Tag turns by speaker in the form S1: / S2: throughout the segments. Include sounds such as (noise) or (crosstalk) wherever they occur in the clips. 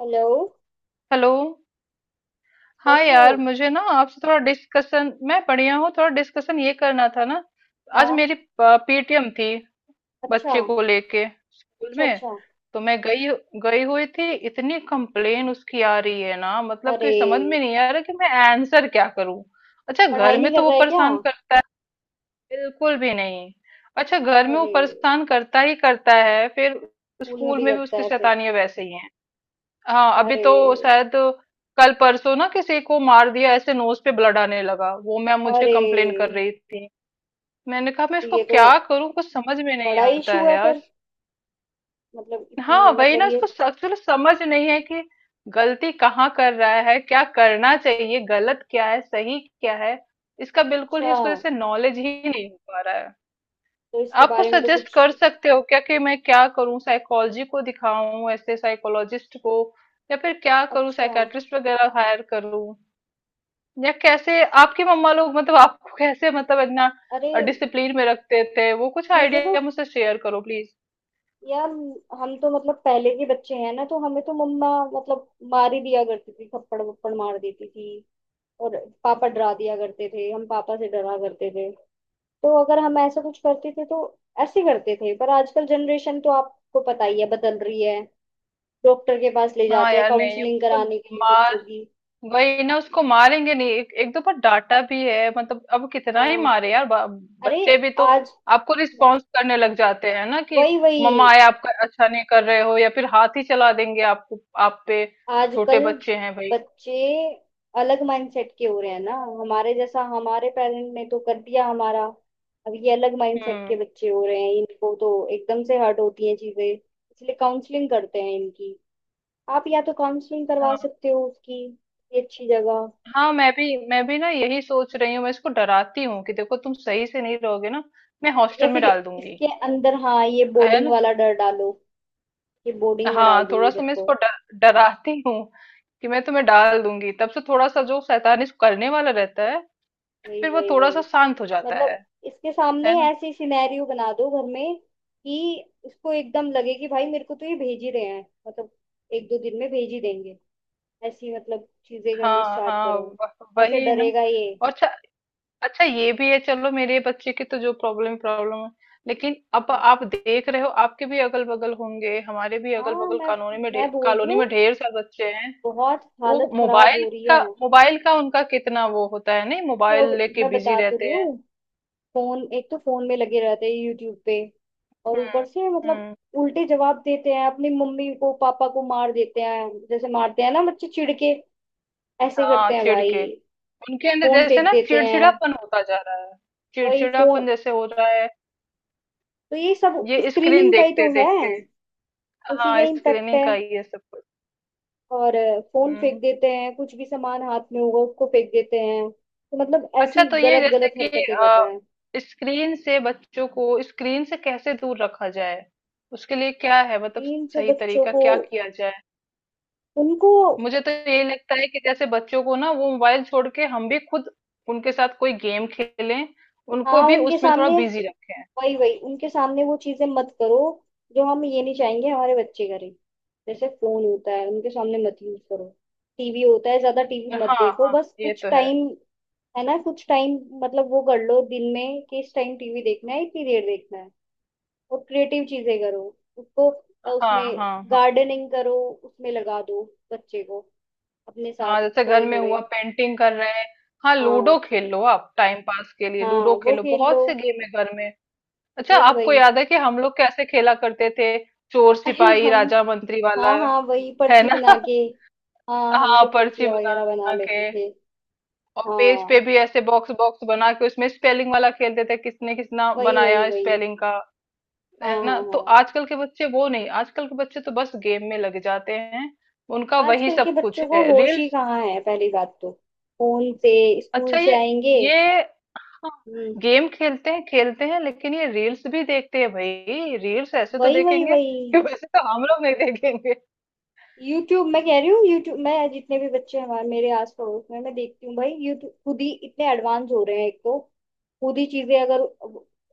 S1: Hello.
S2: Hello. हाँ
S1: कैसे हो?
S2: यार मुझे ना आपसे थोड़ा डिस्कशन, मैं बढ़िया हूँ, थोड़ा डिस्कशन ये करना था ना। आज
S1: हाँ।
S2: मेरी पीटीएम थी,
S1: अच्छा।
S2: बच्चे को लेके स्कूल
S1: अच्छा।
S2: में।
S1: अच्छा।
S2: तो मैं गई गई हुई थी। इतनी कंप्लेन उसकी आ रही है ना, मतलब
S1: अरे,
S2: कि समझ में नहीं आ रहा कि मैं आंसर क्या करूँ। अच्छा, घर
S1: पढ़ाई नहीं
S2: में तो
S1: कर
S2: वो
S1: रहा है क्या?
S2: परेशान करता है। बिल्कुल भी नहीं। अच्छा, घर में वो
S1: अरे,
S2: परेशान करता ही करता है, फिर
S1: स्कूल में
S2: स्कूल
S1: भी
S2: में भी
S1: करता
S2: उसकी
S1: है फिर?
S2: शैतानियां वैसे ही हैं। हाँ, अभी
S1: अरे।
S2: तो शायद कल परसों ना किसी को मार दिया, ऐसे नोज पे ब्लड आने लगा। वो मैम मुझे
S1: अरे,
S2: कंप्लेन कर रही थी। मैंने कहा मैं
S1: तो
S2: इसको
S1: ये तो
S2: क्या करूं, कुछ समझ में नहीं
S1: बड़ा
S2: आता
S1: इशू
S2: है
S1: है
S2: यार।
S1: फिर। मतलब
S2: हाँ
S1: इतनी,
S2: वही
S1: मतलब
S2: ना,
S1: ये।
S2: इसको एक्चुअली समझ नहीं है कि गलती कहाँ कर रहा है, क्या करना चाहिए, गलत क्या है, सही क्या है। इसका बिल्कुल
S1: अच्छा,
S2: ही, इसको जैसे नॉलेज ही नहीं हो पा रहा है।
S1: तो इसके
S2: आपको
S1: बारे में तो
S2: सजेस्ट
S1: कुछ।
S2: कर सकते हो क्या कि मैं क्या करूं, साइकोलॉजी को दिखाऊं, ऐसे साइकोलॉजिस्ट को या फिर क्या करूं,
S1: अच्छा।
S2: साइकेट्रिस्ट वगैरह हायर करूं। या कैसे आपकी मम्मा लोग, मतलब आपको कैसे, मतलब इतना
S1: अरे,
S2: डिसिप्लिन में रखते थे, वो कुछ
S1: मुझे तो
S2: आइडिया मुझसे शेयर करो प्लीज।
S1: यार, हम तो मतलब पहले के बच्चे हैं ना, तो हमें तो मम्मा मतलब मार ही दिया करती थी, थप्पड़ वप्पड़ मार देती थी। और पापा डरा दिया करते थे, हम पापा से डरा करते थे। तो अगर हम ऐसा कुछ करते थे तो ऐसे करते थे। पर आजकल जनरेशन तो आपको पता ही है, बदल रही है। डॉक्टर के पास ले
S2: हाँ
S1: जाते हैं,
S2: यार, नहीं
S1: काउंसलिंग
S2: उसको
S1: कराने के लिए
S2: मार,
S1: बच्चों की।
S2: वही ना, उसको मारेंगे नहीं। एक दो बार डांटा भी है। मतलब अब कितना ही
S1: हाँ।
S2: मारे यार,
S1: अरे।
S2: बच्चे भी तो
S1: आज।
S2: आपको रिस्पॉन्स करने लग जाते हैं ना कि
S1: वही वही।
S2: मम्मा आए, आपका अच्छा नहीं कर रहे हो या फिर हाथ ही चला देंगे आपको, आप पे। छोटे
S1: आजकल
S2: बच्चे हैं भाई।
S1: बच्चे अलग माइंडसेट के हो रहे हैं ना। हमारे जैसा हमारे पेरेंट ने तो कर दिया हमारा। अब ये अलग माइंडसेट के
S2: हम्म।
S1: बच्चे हो रहे हैं, इनको तो एकदम से हर्ट होती हैं चीजें, इसलिए काउंसलिंग करते हैं इनकी। आप या तो काउंसलिंग करवा
S2: हाँ
S1: सकते हो उसकी। ये अच्छी जगह।
S2: हाँ, मैं भी ना यही सोच रही हूँ। मैं इसको डराती हूँ कि देखो तुम सही से नहीं रहोगे ना, मैं
S1: या
S2: हॉस्टल में
S1: फिर
S2: डाल दूंगी।
S1: इसके अंदर, हाँ, ये
S2: है
S1: बोर्डिंग
S2: ना।
S1: वाला डर डालो। ये बोर्डिंग में
S2: हाँ,
S1: डाल
S2: थोड़ा
S1: दूंगी
S2: सा
S1: तेरे
S2: मैं
S1: को।
S2: इसको डर डराती हूँ कि मैं तुम्हें डाल दूंगी, तब से थोड़ा सा जो शैतानी करने वाला रहता है,
S1: वही
S2: फिर वो
S1: वही वही।
S2: थोड़ा-सा शांत हो जाता है।
S1: मतलब इसके सामने
S2: है ना?
S1: ऐसी सिनेरियो बना दो घर में कि इसको एकदम लगे कि भाई मेरे को तो ये भेज ही रहे हैं, मतलब एक दो दिन में भेज ही देंगे। ऐसी मतलब चीजें करनी
S2: हाँ,
S1: स्टार्ट
S2: हाँ,
S1: करो।
S2: व
S1: ऐसे
S2: वही ना।
S1: डरेगा ये।
S2: और अच्छा, अच्छा ये भी है। चलो, मेरे बच्चे की तो जो प्रॉब्लम प्रॉब्लम है, लेकिन अब आप देख रहे हो, आपके भी अगल-बगल होंगे, हमारे भी
S1: हाँ।
S2: अगल-बगल
S1: मैं
S2: कॉलोनी में ढे
S1: मैं बोल रही
S2: कॉलोनी
S1: हूँ,
S2: में ढेर सारे बच्चे हैं।
S1: बहुत
S2: वो
S1: हालत खराब
S2: मोबाइल
S1: हो रही
S2: का
S1: है।
S2: मोबाइल का उनका कितना वो होता है, नहीं, मोबाइल
S1: चौबीस
S2: लेके
S1: मैं
S2: बिज़ी
S1: बता तो
S2: रहते
S1: रही
S2: हैं।
S1: हूँ। फोन, एक तो फोन में लगे रहते हैं यूट्यूब पे, और
S2: हुँ,
S1: ऊपर से मतलब
S2: हुँ,
S1: उल्टे जवाब देते हैं अपनी मम्मी को, पापा को मार देते हैं, जैसे मारते हैं ना बच्चे चिढ़ के, ऐसे
S2: हाँ,
S1: करते हैं
S2: चिढ़
S1: भाई।
S2: के। उनके अंदर
S1: फोन
S2: जैसे
S1: फेंक
S2: ना
S1: देते हैं।
S2: चिड़चिड़ापन होता जा रहा है।
S1: वही फोन,
S2: चिड़चिड़ापन जैसे हो रहा है,
S1: तो ये सब
S2: ये स्क्रीन
S1: स्क्रीनिंग का ही तो है,
S2: देखते-देखते।
S1: उसी का
S2: हाँ,
S1: इम्पेक्ट है।
S2: स्क्रीनिंग का ही है सब कुछ।
S1: और फोन फेंक
S2: हम्म
S1: देते हैं, कुछ भी सामान हाथ में होगा उसको फेंक देते हैं, तो मतलब
S2: अच्छा,
S1: ऐसी
S2: तो ये
S1: गलत
S2: जैसे
S1: गलत
S2: कि
S1: हरकतें कर रहे
S2: अ,
S1: हैं।
S2: स्क्रीन से बच्चों को, स्क्रीन से कैसे दूर रखा जाए, उसके लिए क्या है, मतलब
S1: स्क्रीन से
S2: सही
S1: बच्चों
S2: तरीका
S1: को
S2: क्या किया जाए।
S1: उनको,
S2: मुझे तो यही लगता है कि जैसे बच्चों को ना वो मोबाइल छोड़ के हम भी खुद उनके साथ कोई गेम खेलें, उनको
S1: हाँ,
S2: भी
S1: उनके
S2: उसमें थोड़ा
S1: सामने,
S2: बिजी रखें।
S1: वही वही, उनके सामने वो चीजें मत करो जो हम ये नहीं चाहेंगे हमारे बच्चे करें। जैसे फोन होता है उनके सामने मत यूज करो, टीवी होता है ज्यादा टीवी मत
S2: हाँ
S1: देखो,
S2: हाँ,
S1: बस
S2: ये
S1: कुछ
S2: तो है।
S1: टाइम, है ना, कुछ टाइम। मतलब वो कर लो दिन में कि इस टाइम टीवी देखना है, इतनी देर देखना है। और क्रिएटिव चीजें करो उसको,
S2: हाँ
S1: उसमें
S2: हाँ हाँ।
S1: गार्डनिंग करो, उसमें लगा दो बच्चे को अपने साथ।
S2: हाँ, जैसे घर
S1: थोड़े
S2: में
S1: थोड़े।
S2: हुआ पेंटिंग कर रहे हैं। हाँ,
S1: हाँ
S2: लूडो खेल लो। आप टाइम पास के लिए
S1: हाँ।
S2: लूडो
S1: वो
S2: खेलो,
S1: खेल लो।
S2: बहुत से गेम है घर में। अच्छा,
S1: वही
S2: आपको
S1: वही।
S2: याद है कि हम लोग कैसे खेला करते थे? चोर
S1: (laughs) अरे
S2: सिपाही
S1: हम।
S2: राजा मंत्री वाला।
S1: हाँ हाँ वही,
S2: है
S1: पर्ची
S2: ना।
S1: बना
S2: (laughs)
S1: के। हाँ, हम
S2: हाँ
S1: तो
S2: पर्ची
S1: पर्चियाँ वगैरह बना
S2: बना के,
S1: लेते थे।
S2: और पेज पे
S1: हाँ
S2: भी ऐसे बॉक्स बॉक्स बना के उसमें स्पेलिंग वाला खेलते थे, किसने किसना
S1: वही वही
S2: बनाया
S1: वही।
S2: स्पेलिंग का।
S1: हाँ
S2: है
S1: हाँ
S2: ना। तो
S1: हाँ।
S2: आजकल के बच्चे वो नहीं, आजकल के बच्चे तो बस गेम में लग जाते हैं। उनका वही
S1: आजकल के
S2: सब कुछ
S1: बच्चों को
S2: है,
S1: होश ही
S2: रील्स।
S1: कहाँ है पहली बात तो। फोन से स्कूल
S2: अच्छा
S1: से
S2: ये
S1: आएंगे।
S2: ये हाँ,
S1: हम्म।
S2: गेम खेलते हैं खेलते हैं, लेकिन ये रील्स भी देखते हैं भाई। रील्स ऐसे तो
S1: वही वही
S2: देखेंगे
S1: वही।
S2: कि वैसे तो हम लोग नहीं देखेंगे।
S1: यूट्यूब, मैं कह रही हूँ, यूट्यूब मैं जितने भी बच्चे हमारे मेरे आस पड़ोस में मैं देखती हूँ भाई, यूट्यूब खुद ही इतने एडवांस हो रहे हैं एक तो। खुद ही चीजें अगर,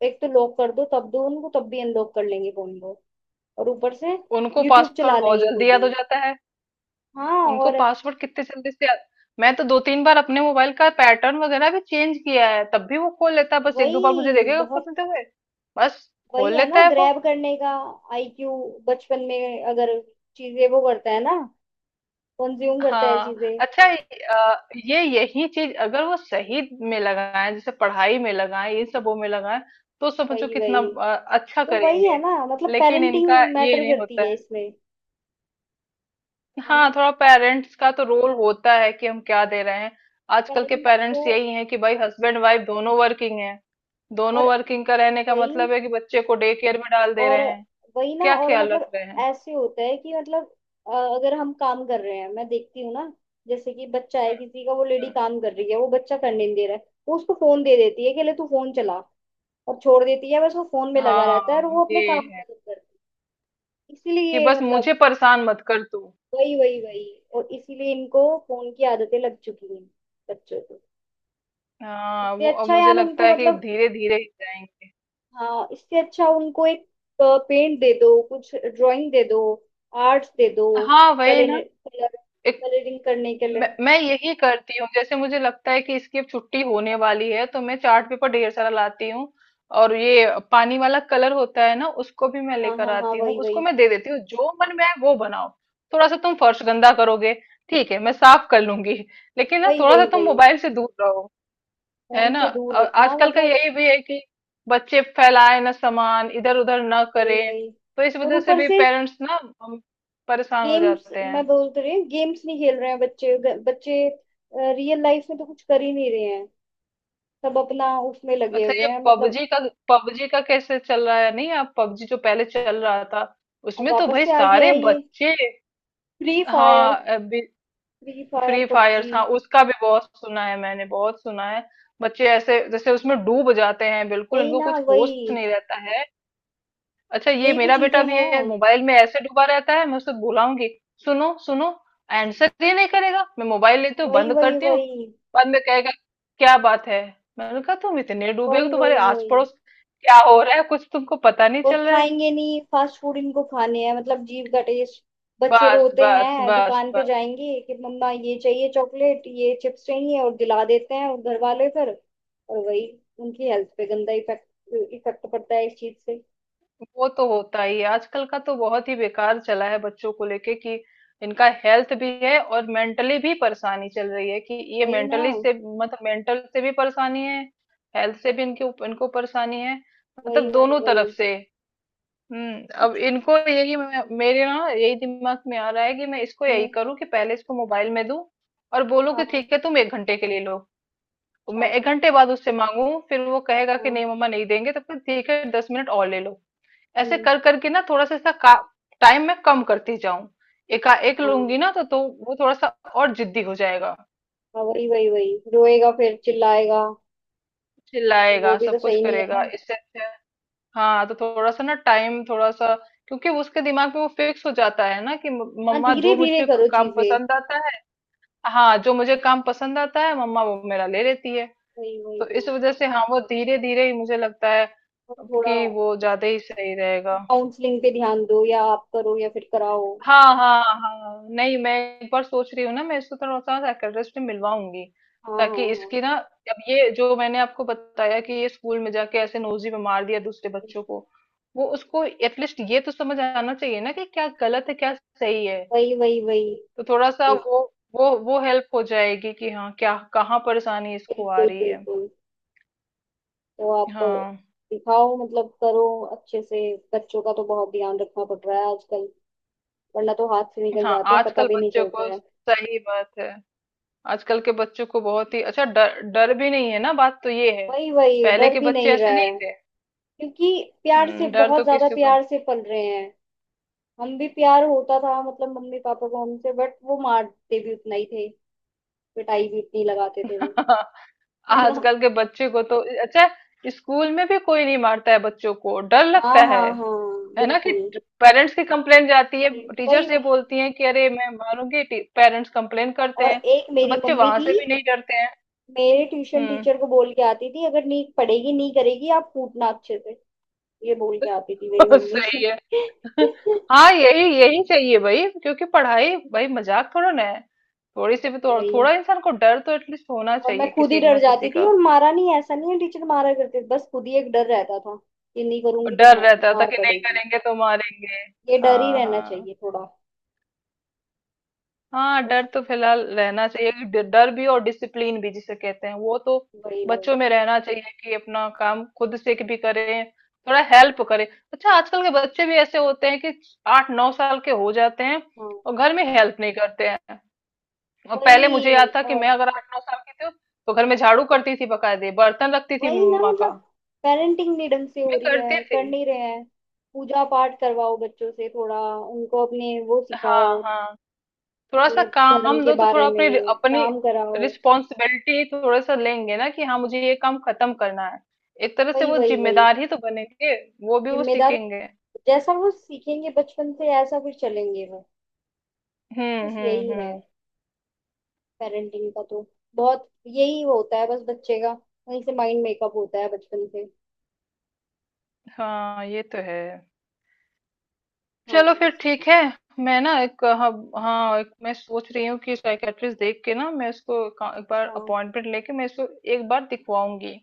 S1: एक तो लॉक कर दो तब दो उनको, तब भी अनलॉक कर लेंगे फोन को। और ऊपर से
S2: उनको
S1: यूट्यूब चला
S2: पासवर्ड बहुत
S1: लेंगे
S2: जल्दी
S1: खुद
S2: याद
S1: ही।
S2: हो जाता है।
S1: हाँ।
S2: उनको
S1: और
S2: पासवर्ड कितने जल्दी से याद। मैं तो दो तीन बार अपने मोबाइल का पैटर्न वगैरह भी चेंज किया है, तब भी वो खोल लेता है। बस एक दो बार मुझे
S1: वही
S2: देखेगा
S1: बहुत।
S2: खोलते हुए, बस, खोल
S1: वही है ना
S2: लेता है वो।
S1: ग्रैब करने का आईक्यू। बचपन में अगर चीजें वो करता है ना, कंज्यूम करता है
S2: हाँ
S1: चीजें।
S2: अच्छा, अ, ये यही चीज अगर वो सही में लगाएं, जैसे पढ़ाई में लगाएं, इन सबों में लगाएं, तो समझो
S1: वही
S2: कितना
S1: वही।
S2: अच्छा
S1: तो वही है
S2: करेंगे।
S1: ना मतलब
S2: लेकिन इनका
S1: पेरेंटिंग
S2: ये
S1: मैटर
S2: नहीं
S1: करती
S2: होता
S1: है
S2: है।
S1: इसमें। है
S2: हाँ,
S1: ना?
S2: थोड़ा पेरेंट्स का तो रोल होता है कि हम क्या दे रहे हैं। आजकल के
S1: पेरेंट्स को,
S2: पेरेंट्स यही हैं कि भाई हस्बैंड वाइफ दोनों वर्किंग हैं। दोनों
S1: और
S2: वर्किंग का रहने का
S1: वही,
S2: मतलब है कि बच्चे को डे केयर में डाल दे
S1: और
S2: रहे हैं,
S1: वही ना,
S2: क्या
S1: और
S2: ख्याल रख
S1: मतलब
S2: रहे हैं।
S1: ऐसे होता है कि मतलब, अगर हम काम कर रहे हैं मैं देखती हूँ ना, जैसे कि बच्चा है किसी का, वो लेडी
S2: हम्म।
S1: काम कर रही है, वो बच्चा करने नहीं दे रहा है, वो उसको फोन दे देती है कि ले तू फोन चला, और छोड़ देती है, बस वो फोन में लगा रहता है और
S2: हाँ,
S1: वो अपने
S2: ये
S1: काम
S2: है
S1: खत्म करती है,
S2: कि
S1: इसीलिए
S2: बस
S1: मतलब,
S2: मुझे परेशान मत कर तू।
S1: वही वही वही। और इसीलिए इनको फोन की आदतें लग चुकी हैं बच्चों को।
S2: हाँ,
S1: इससे
S2: वो अब
S1: अच्छा
S2: मुझे
S1: यार
S2: लगता
S1: उनको
S2: है कि
S1: मतलब,
S2: धीरे धीरे ही जाएंगे।
S1: हाँ, इससे अच्छा उनको एक पेंट दे दो, कुछ ड्राइंग दे दो, आर्ट्स दे दो,
S2: हाँ वही
S1: कलर
S2: ना, एक,
S1: कलरिंग करने के लिए।
S2: मैं यही करती हूँ। जैसे मुझे लगता है कि इसकी अब छुट्टी होने वाली है तो मैं चार्ट पेपर ढेर सारा लाती हूँ, और ये पानी वाला कलर होता है ना उसको भी मैं
S1: हाँ हाँ
S2: लेकर
S1: हाँ।
S2: आती हूँ।
S1: वही वही
S2: उसको मैं दे देती हूँ जो मन में है वो बनाओ। थोड़ा सा तुम फर्श गंदा करोगे, ठीक है, मैं साफ कर लूंगी, लेकिन ना
S1: वही,
S2: थोड़ा सा
S1: वही
S2: तुम
S1: वही,
S2: मोबाइल से दूर रहो। है
S1: फोन
S2: ना।
S1: से दूर
S2: और
S1: रखना
S2: आजकल का
S1: मतलब।
S2: यही भी है कि बच्चे फैलाए ना, सामान इधर उधर ना
S1: वही
S2: करें,
S1: वही।
S2: तो इस
S1: और
S2: वजह से
S1: ऊपर
S2: भी
S1: से
S2: पेरेंट्स ना अम, परेशान हो
S1: गेम्स,
S2: जाते
S1: मैं
S2: हैं।
S1: बोल तो रही हूँ गेम्स नहीं खेल रहे हैं बच्चे, बच्चे रियल लाइफ में तो कुछ कर ही नहीं रहे हैं, सब अपना उसमें लगे
S2: अच्छा, ये
S1: हुए हैं, मतलब।
S2: पबजी का कैसे चल रहा है, नहीं आप पबजी जो पहले चल रहा था
S1: अब
S2: उसमें तो
S1: वापस
S2: भाई
S1: से आ गया
S2: सारे
S1: है ये
S2: बच्चे।
S1: Free fire.
S2: हाँ अभी
S1: free fire
S2: free
S1: PUBG.
S2: Fires, हाँ उसका भी बहुत सुना है मैंने, बहुत सुना है। बच्चे ऐसे जैसे उसमें डूब जाते हैं बिल्कुल,
S1: सही
S2: इनको
S1: ना,
S2: कुछ होश
S1: वही।
S2: नहीं रहता है। अच्छा, ये
S1: यही तो
S2: मेरा बेटा
S1: चीजें
S2: भी है
S1: हैं।
S2: मोबाइल में ऐसे डूबा रहता है। मैं उससे बुलाऊंगी, सुनो, सुनो, आंसर ही नहीं करेगा। मैं मोबाइल लेती हूँ,
S1: वही
S2: बंद
S1: वही
S2: करती हूँ,
S1: वही,
S2: बाद में कहेगा क्या बात है। मैंने कहा तुम इतने डूबे हो,
S1: वही
S2: तुम्हारे
S1: वही
S2: आस
S1: वही।
S2: पड़ोस क्या हो रहा है कुछ तुमको पता नहीं
S1: और
S2: चल रहा है।
S1: खाएंगे नहीं फास्ट फूड, इनको खाने हैं मतलब जीभ का टेस्ट। बच्चे
S2: बस
S1: रोते
S2: बस
S1: हैं
S2: बस
S1: दुकान पे
S2: बस।
S1: जाएंगे कि मम्मा ये चाहिए चॉकलेट, ये चिप्स चाहिए, और दिला देते हैं, और घर वाले फिर। और वही उनकी हेल्थ पे गंदा इफेक्ट इफेक्ट पड़ता है इस चीज से।
S2: वो तो होता ही है, आजकल का तो बहुत ही बेकार चला है बच्चों को लेके कि इनका हेल्थ भी है, और मेंटली भी परेशानी चल रही है कि ये
S1: वही ना।
S2: मेंटली से, मतलब मेंटल से भी परेशानी है, हेल्थ से भी इनके इनको परेशानी है।
S1: वही
S2: मतलब
S1: वही
S2: दोनों
S1: वही
S2: तरफ से। हम्म, अब
S1: कुछ।
S2: इनको यही मेरे ना यही दिमाग में आ रहा है कि मैं इसको यही
S1: हम्म,
S2: करूं कि पहले इसको मोबाइल में दूं, और बोलूं कि
S1: हाँ,
S2: ठीक है तुम 1 घंटे के लिए लो।
S1: अच्छा,
S2: मैं 1 घंटे बाद उससे मांगू, फिर वो कहेगा कि
S1: हाँ,
S2: नहीं मम्मा नहीं देंगे। तब तक ठीक है 10 मिनट और ले लो। ऐसे
S1: हम्म,
S2: कर करके ना थोड़ा सा इसका टाइम मैं कम करती जाऊं। एका एक
S1: हाँ,
S2: लूंगी ना तो वो थोड़ा सा और जिद्दी हो जाएगा।
S1: हाँ, वही वही वही, रोएगा फिर चिल्लाएगा। फिर वो
S2: चिल्लाएगा,
S1: भी तो
S2: सब कुछ
S1: सही नहीं है
S2: करेगा,
S1: ना।
S2: इससे अच्छा है। हाँ तो थोड़ा सा ना टाइम थोड़ा सा, क्योंकि उसके दिमाग में वो फिक्स हो जाता है ना कि
S1: हाँ,
S2: मम्मा जो
S1: धीरे धीरे
S2: मुझे
S1: करो
S2: काम
S1: चीजें।
S2: पसंद आता है, हाँ जो मुझे काम पसंद आता है मम्मा वो मेरा ले लेती है,
S1: वही वही
S2: तो
S1: वही।
S2: इस वजह से हाँ वो धीरे धीरे ही मुझे लगता है
S1: और थोड़ा
S2: कि वो ज्यादा ही सही रहेगा।
S1: काउंसलिंग पे ध्यान दो, या आप करो या फिर कराओ।
S2: हाँ, हाँ, हाँ। नहीं मैं एक बार सोच रही हूँ ना, मैं इसको थोड़ा सा साइकियाट्रिस्ट से मिलवाऊंगी
S1: हाँ हाँ
S2: ताकि
S1: हाँ।
S2: इसकी ना, अब ये जो मैंने आपको बताया कि ये स्कूल में जाके ऐसे नोजी में मार दिया दूसरे बच्चों को, वो उसको एटलीस्ट ये तो समझ आना चाहिए ना कि क्या गलत है क्या सही है।
S1: वही वही वही।
S2: तो थोड़ा सा
S1: ये।
S2: वो, वो हेल्प हो जाएगी कि हाँ क्या कहाँ परेशानी इसको आ
S1: बिल्कुल
S2: रही है।
S1: बिल्कुल। तो आप
S2: हाँ।
S1: दिखाओ मतलब करो अच्छे से। बच्चों का तो बहुत ध्यान रखना पड़ रहा है आजकल, वरना तो हाथ से निकल
S2: हाँ
S1: जाते हैं पता
S2: आजकल
S1: भी नहीं
S2: बच्चों
S1: चलता
S2: को,
S1: है।
S2: सही बात है, आजकल के बच्चों को बहुत ही अच्छा डर, डर भी नहीं है ना, बात तो ये है।
S1: वही वही,
S2: पहले
S1: डर
S2: के
S1: भी
S2: बच्चे
S1: नहीं रहा
S2: ऐसे
S1: है
S2: नहीं थे।
S1: क्योंकि प्यार से,
S2: डर तो
S1: बहुत ज्यादा
S2: किसी को नहीं।
S1: प्यार से पल रहे हैं। हम भी प्यार होता था मतलब मम्मी पापा को हमसे, बट वो मारते भी उतना ही थे, पिटाई भी उतनी लगाते थे वो।
S2: (laughs)
S1: है ना।
S2: आजकल के बच्चे को तो अच्छा, स्कूल में भी कोई नहीं मारता है, बच्चों को डर
S1: हाँ
S2: लगता
S1: हाँ
S2: है।
S1: हाँ।
S2: है ना कि
S1: बिल्कुल।
S2: पेरेंट्स की कंप्लेन जाती है,
S1: पेरेंट्स, वही
S2: टीचर्स ये
S1: वही।
S2: बोलती हैं कि अरे मैं मारूंगी, पेरेंट्स कंप्लेन करते
S1: और
S2: हैं,
S1: एक
S2: तो
S1: मेरी
S2: बच्चे
S1: मम्मी
S2: वहां
S1: थी,
S2: से भी नहीं डरते हैं।
S1: मेरे ट्यूशन
S2: हम्म।
S1: टीचर को बोल के आती थी अगर नहीं पढ़ेगी नहीं करेगी आप कूटना अच्छे से। ये बोल के आती थी मेरी
S2: (laughs)
S1: मम्मी।
S2: सही है। (laughs)
S1: (laughs)
S2: हाँ, यही यही चाहिए भाई, क्योंकि पढ़ाई भाई मजाक थोड़ा ना है। थोड़ी सी भी तो,
S1: वही।
S2: थोड़ा इंसान को डर तो एटलीस्ट होना
S1: और मैं
S2: चाहिए
S1: खुद ही
S2: किसी ना
S1: डर
S2: किसी
S1: जाती थी,
S2: का।
S1: और मारा नहीं ऐसा नहीं है, टीचर मारा करते थे, बस खुद ही एक डर रहता था कि नहीं
S2: और
S1: करूंगी तो
S2: डर रहता था
S1: मार
S2: कि नहीं
S1: पड़ेगी।
S2: करेंगे तो मारेंगे।
S1: ये डर ही
S2: हाँ
S1: रहना
S2: हाँ।
S1: चाहिए थोड़ा।
S2: हाँ,
S1: बस
S2: डर तो फिलहाल रहना चाहिए कि डर, डर भी और डिसिप्लिन भी जिसे कहते हैं वो तो
S1: वही वही।
S2: बच्चों में रहना चाहिए कि अपना काम खुद से भी करें, थोड़ा हेल्प करें। अच्छा, आजकल के बच्चे भी ऐसे होते हैं कि आठ नौ साल के हो जाते हैं
S1: हाँ,
S2: और घर में हेल्प नहीं करते हैं। और पहले मुझे
S1: वही,
S2: याद था कि
S1: और
S2: मैं अगर आठ नौ साल की थी तो घर में झाड़ू करती थी बकायदे, बर्तन रखती थी
S1: वही ना
S2: मम्मा का।
S1: मतलब पेरेंटिंग नहीं ढंग से हो
S2: मैं
S1: रही
S2: करती
S1: है,
S2: थी।
S1: कर नहीं रहे हैं। पूजा पाठ करवाओ बच्चों से, थोड़ा उनको अपने वो सिखाओ,
S2: हाँ हाँ, थोड़ा सा
S1: अपने धर्म
S2: काम
S1: के
S2: दो तो थोड़ा
S1: बारे
S2: अपनी,
S1: में
S2: अपनी
S1: काम कराओ।
S2: रिस्पॉन्सिबिलिटी थोड़ा सा लेंगे ना कि हाँ मुझे ये काम खत्म करना है। एक तरह से
S1: वही
S2: वो
S1: वही वही
S2: जिम्मेदार ही तो बनेंगे, वो भी वो
S1: जिम्मेदार,
S2: सीखेंगे।
S1: जैसा वो सीखेंगे बचपन से ऐसा फिर चलेंगे वो। बस यही है
S2: हम्म।
S1: पेरेंटिंग का तो, बहुत यही होता है बस बच्चे का, वहीं से माइंड मेकअप होता है बचपन से।
S2: हाँ ये तो है।
S1: हाँ
S2: चलो फिर
S1: बस।
S2: ठीक है। मैं ना एक, हाँ, हाँ, एक मैं सोच रही हूँ कि साइकेट्रिस्ट देख के ना मैं इसको एक बार
S1: अच्छा।
S2: अपॉइंटमेंट लेके मैं इसको एक बार दिखवाऊंगी।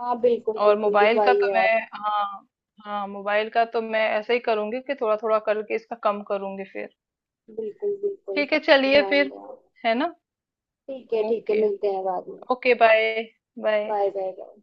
S1: हाँ बिल्कुल
S2: और
S1: बिल्कुल
S2: मोबाइल का तो
S1: दिखवाइए आप।
S2: मैं हाँ, हाँ मोबाइल का तो मैं ऐसे ही करूंगी कि थोड़ा थोड़ा करके इसका कम करूंगी फिर।
S1: बिल्कुल बिल्कुल
S2: ठीक है चलिए
S1: ध्यान
S2: फिर।
S1: दें आप।
S2: है ना।
S1: ठीक है
S2: ओके।
S1: मिलते हैं बाद में।
S2: Okay bye. Bye.
S1: Bye bye bye.